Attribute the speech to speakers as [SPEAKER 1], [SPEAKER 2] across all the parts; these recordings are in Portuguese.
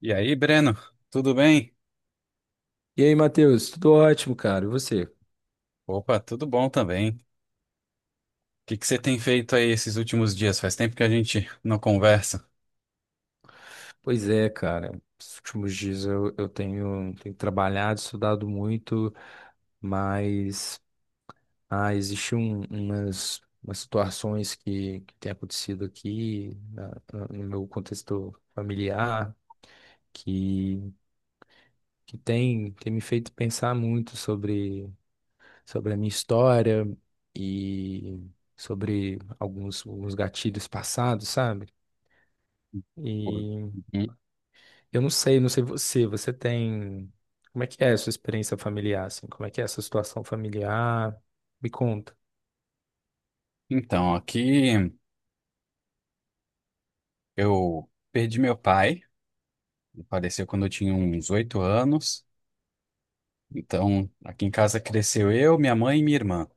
[SPEAKER 1] E aí, Breno, tudo bem?
[SPEAKER 2] E aí, Matheus, tudo ótimo, cara. E você?
[SPEAKER 1] Opa, tudo bom também. O que você tem feito aí esses últimos dias? Faz tempo que a gente não conversa.
[SPEAKER 2] Pois é, cara. Esses últimos dias eu tenho trabalhado, estudado muito, mas existe umas situações que têm acontecido aqui no meu contexto familiar que, que tem me feito pensar muito sobre a minha história e sobre alguns gatilhos passados, sabe?
[SPEAKER 1] Uhum.
[SPEAKER 2] E Eu não sei você tem. Como é que é a sua experiência familiar, assim? Como é que é a sua situação familiar? Me conta.
[SPEAKER 1] Então, aqui eu perdi meu pai, ele faleceu quando eu tinha uns oito anos. Então, aqui em casa cresceu eu, minha mãe e minha irmã.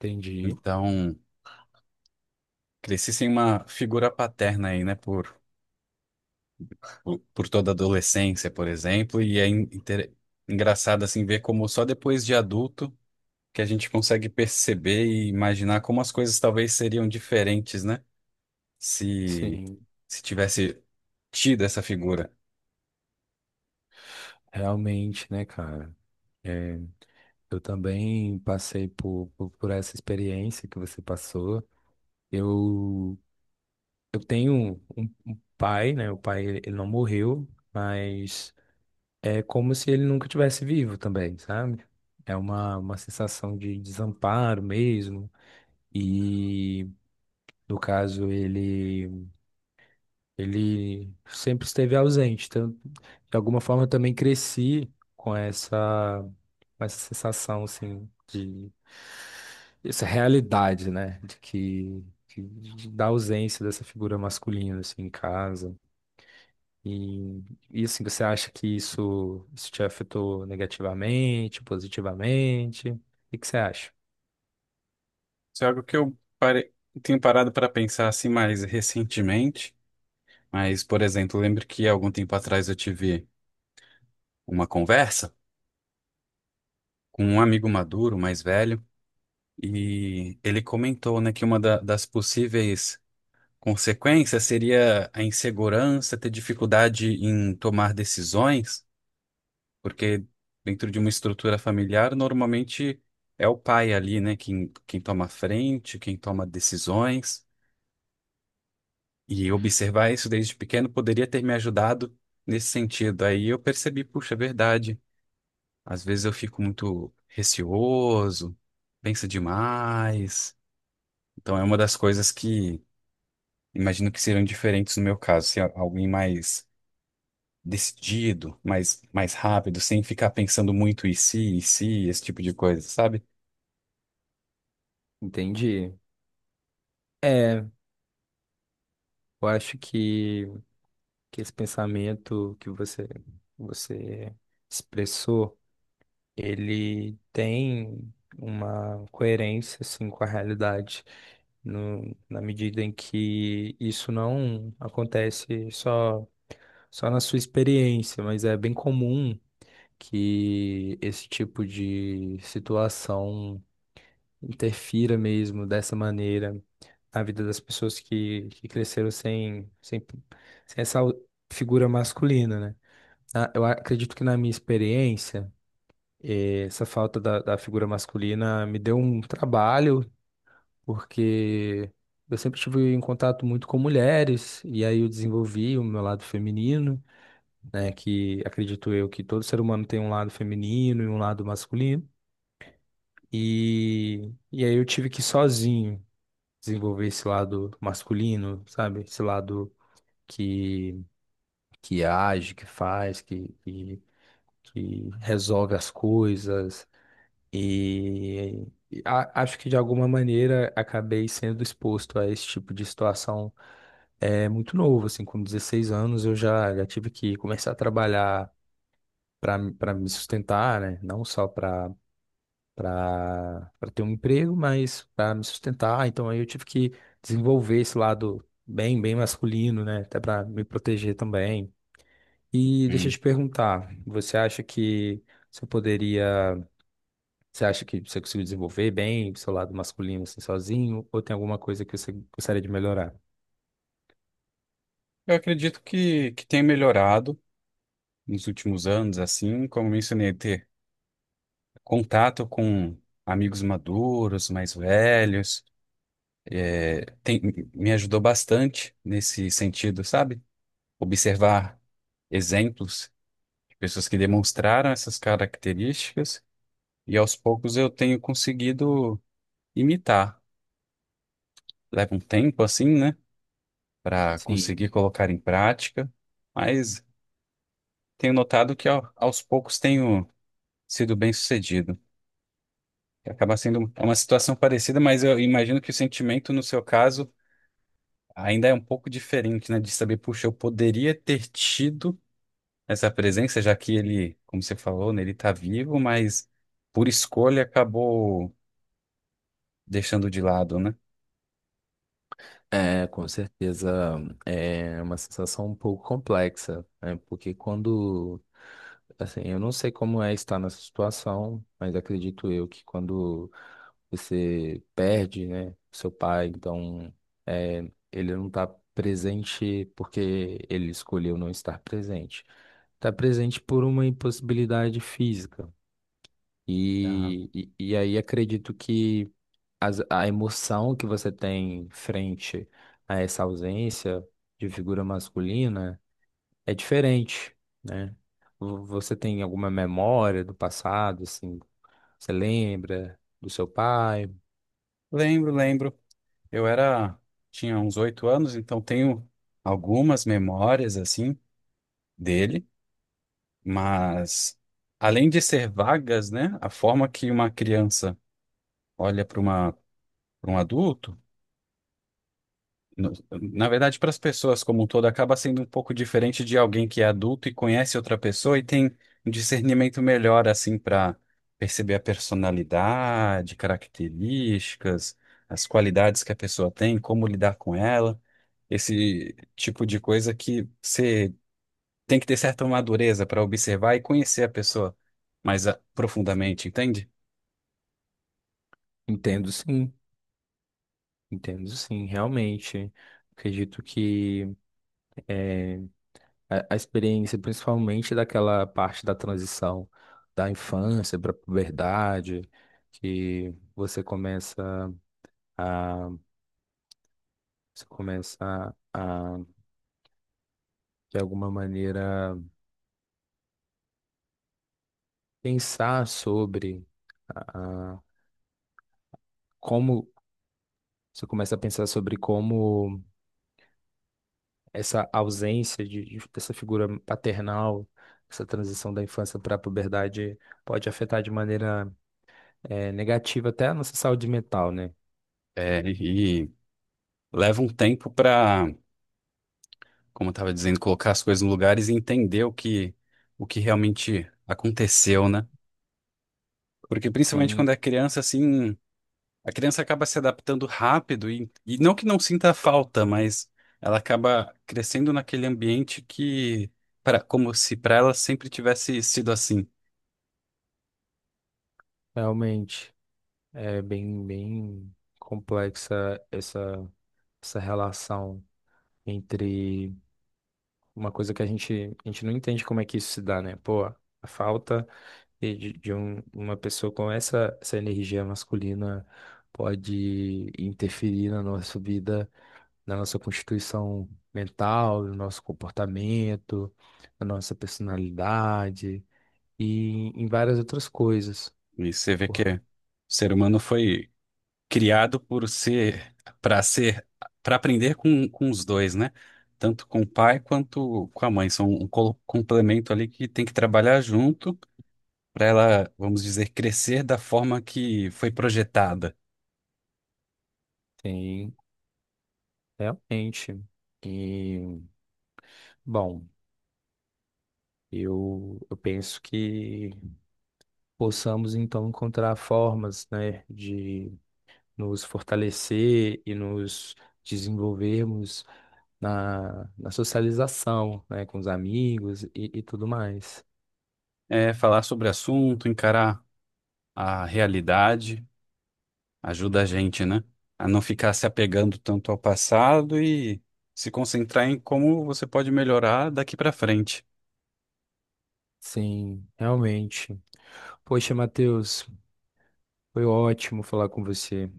[SPEAKER 2] Entendi.
[SPEAKER 1] Então, cresci sem uma figura paterna aí, né, por toda a adolescência, por exemplo, e é engraçado assim ver como só depois de adulto que a gente consegue perceber e imaginar como as coisas talvez seriam diferentes, né? Se,
[SPEAKER 2] Sim,
[SPEAKER 1] Se tivesse tido essa figura.
[SPEAKER 2] realmente, né, cara? É, eu também passei por essa experiência que você passou. Eu, eu tenho um pai, né? O pai, ele não morreu, mas é como se ele nunca tivesse vivo também, sabe? É uma sensação de desamparo mesmo. e No caso, ele sempre esteve ausente. Então, de alguma forma, eu também cresci com essa, com essa sensação, assim, de essa realidade, né? De da ausência dessa figura masculina, assim, em casa. E, e assim, você acha que isso te afetou negativamente, positivamente? O que que você acha?
[SPEAKER 1] Isso é algo que eu tenho parado para pensar assim mais recentemente. Mas, por exemplo, eu lembro que algum tempo atrás eu tive uma conversa com um amigo maduro, mais velho, e ele comentou, né, que das possíveis consequências seria a insegurança, ter dificuldade em tomar decisões. Porque dentro de uma estrutura familiar, normalmente é o pai ali, né? Quem toma a frente, quem toma decisões. E observar isso desde pequeno poderia ter me ajudado nesse sentido. Aí eu percebi, puxa, é verdade. Às vezes eu fico muito receoso, penso demais. Então é uma das coisas que imagino que seriam diferentes no meu caso, ser alguém mais decidido, mais rápido, sem ficar pensando muito e se, esse tipo de coisa, sabe?
[SPEAKER 2] Entendi. É, eu acho que esse pensamento que você expressou, ele tem uma coerência assim com a realidade, no, na medida em que isso não acontece só na sua experiência, mas é bem comum que esse tipo de situação interfira mesmo dessa maneira na vida das pessoas que cresceram sem essa figura masculina, né? Eu acredito que na minha experiência, essa falta da figura masculina me deu um trabalho, porque eu sempre estive em contato muito com mulheres, e aí eu desenvolvi o meu lado feminino, né, que acredito eu que todo ser humano tem um lado feminino e um lado masculino, e aí eu tive que sozinho desenvolver esse lado masculino, sabe? Esse lado que, que age, que faz, que resolve as coisas. E Acho que de alguma maneira acabei sendo exposto a esse tipo de situação muito novo, assim, com 16 anos eu já tive que começar a trabalhar para me sustentar, né? Não só para ter um emprego, mas para me sustentar. Então aí eu tive que desenvolver esse lado bem bem masculino, né? Até para me proteger também. E deixa eu te perguntar, você poderia você acha que você conseguiu desenvolver bem o seu lado masculino assim sozinho? Ou tem alguma coisa que você gostaria de melhorar?
[SPEAKER 1] Eu acredito que tem melhorado nos últimos anos, assim, como eu mencionei, ter contato com amigos maduros, mais velhos, tem- me ajudou bastante nesse sentido, sabe? Observar exemplos de pessoas que demonstraram essas características e aos poucos eu tenho conseguido imitar. Leva um tempo, assim, né, para
[SPEAKER 2] Sim,
[SPEAKER 1] conseguir colocar em prática, mas tenho notado que aos poucos tenho sido bem-sucedido. Acaba sendo um, é uma situação parecida, mas eu imagino que o sentimento, no seu caso, ainda é um pouco diferente, né? De saber, puxa, eu poderia ter tido essa presença, já que ele, como você falou, né, ele está vivo, mas por escolha acabou deixando de lado, né?
[SPEAKER 2] é, com certeza é uma sensação um pouco complexa, né? Porque quando, assim, eu não sei como é estar nessa situação, mas acredito eu que quando você perde, né, seu pai, então ele não está presente porque ele escolheu não estar presente. Está presente por uma impossibilidade física.
[SPEAKER 1] Tá.
[SPEAKER 2] E, e aí acredito que a emoção que você tem frente a essa ausência de figura masculina é diferente, né? Você tem alguma memória do passado, assim? Você lembra do seu pai?
[SPEAKER 1] Lembro, lembro. Eu era, tinha uns oito anos, então tenho algumas memórias assim dele, mas além de ser vagas, né, a forma que uma criança olha para uma para um adulto no- na verdade, para as pessoas como um todo, acaba sendo um pouco diferente de alguém que é adulto e conhece outra pessoa e tem um discernimento melhor, assim, para perceber a personalidade, características, as qualidades que a pessoa tem, como lidar com ela, esse tipo de coisa que você tem que ter certa madureza para observar e conhecer a pessoa mais ah, profundamente, entende?
[SPEAKER 2] Entendo sim, entendo sim, realmente. Acredito que eh, a experiência, principalmente daquela parte da transição da infância para a puberdade, que a, você começa a, de alguma maneira, pensar sobre a, a- como você começa a pensar sobre como essa ausência dessa figura paternal, essa transição da infância para a puberdade pode afetar de maneira negativa até a nossa saúde mental, né?
[SPEAKER 1] É, e leva um tempo para. Como eu estava dizendo, colocar as coisas nos lugares e entender o que realmente aconteceu, né? Porque principalmente
[SPEAKER 2] Sim,
[SPEAKER 1] quando é criança, assim, a criança acaba se adaptando rápido e não que não sinta falta, mas ela acaba crescendo naquele ambiente que, para, como se para ela sempre tivesse sido assim.
[SPEAKER 2] realmente. É bem, bem complexa essa relação entre uma coisa que a gente não entende como é que isso se dá, né? Pô, a falta uma pessoa com essa energia masculina pode interferir na nossa vida, na nossa constituição mental, no nosso comportamento, na nossa personalidade e em várias outras coisas.
[SPEAKER 1] E você vê
[SPEAKER 2] Pô,
[SPEAKER 1] que o ser humano foi criado por ser para ser para aprender com os dois, né? Tanto com o pai quanto com a mãe. São um complemento ali que tem que trabalhar junto para ela, vamos dizer, crescer da forma que foi projetada.
[SPEAKER 2] tem realmente. E, bom. Eu penso que possamos então encontrar formas, né, de nos fortalecer e nos desenvolvermos na socialização, né, com os amigos e tudo mais.
[SPEAKER 1] É, falar sobre assunto, encarar a realidade, ajuda a gente, né? A não ficar se apegando tanto ao passado e se concentrar em como você pode melhorar daqui para frente.
[SPEAKER 2] Sim, realmente. Poxa, Matheus, foi ótimo falar com você,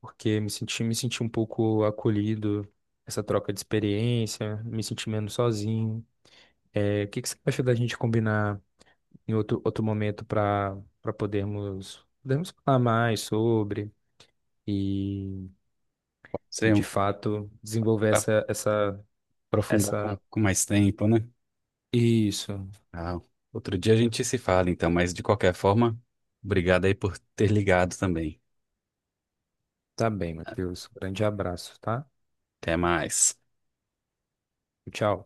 [SPEAKER 2] porque me senti um pouco acolhido, essa troca de experiência, me senti menos sozinho. É, o que que você acha da gente combinar em outro momento para podermos falar mais sobre e, e de
[SPEAKER 1] Você
[SPEAKER 2] fato desenvolver essa, essa,
[SPEAKER 1] aprofundar
[SPEAKER 2] essa.
[SPEAKER 1] com mais tempo, né?
[SPEAKER 2] Isso.
[SPEAKER 1] Ah, outro dia a gente se fala, então, mas de qualquer forma, obrigado aí por ter ligado também.
[SPEAKER 2] Tá bem, Matheus. Grande abraço, tá?
[SPEAKER 1] Até mais.
[SPEAKER 2] Tchau.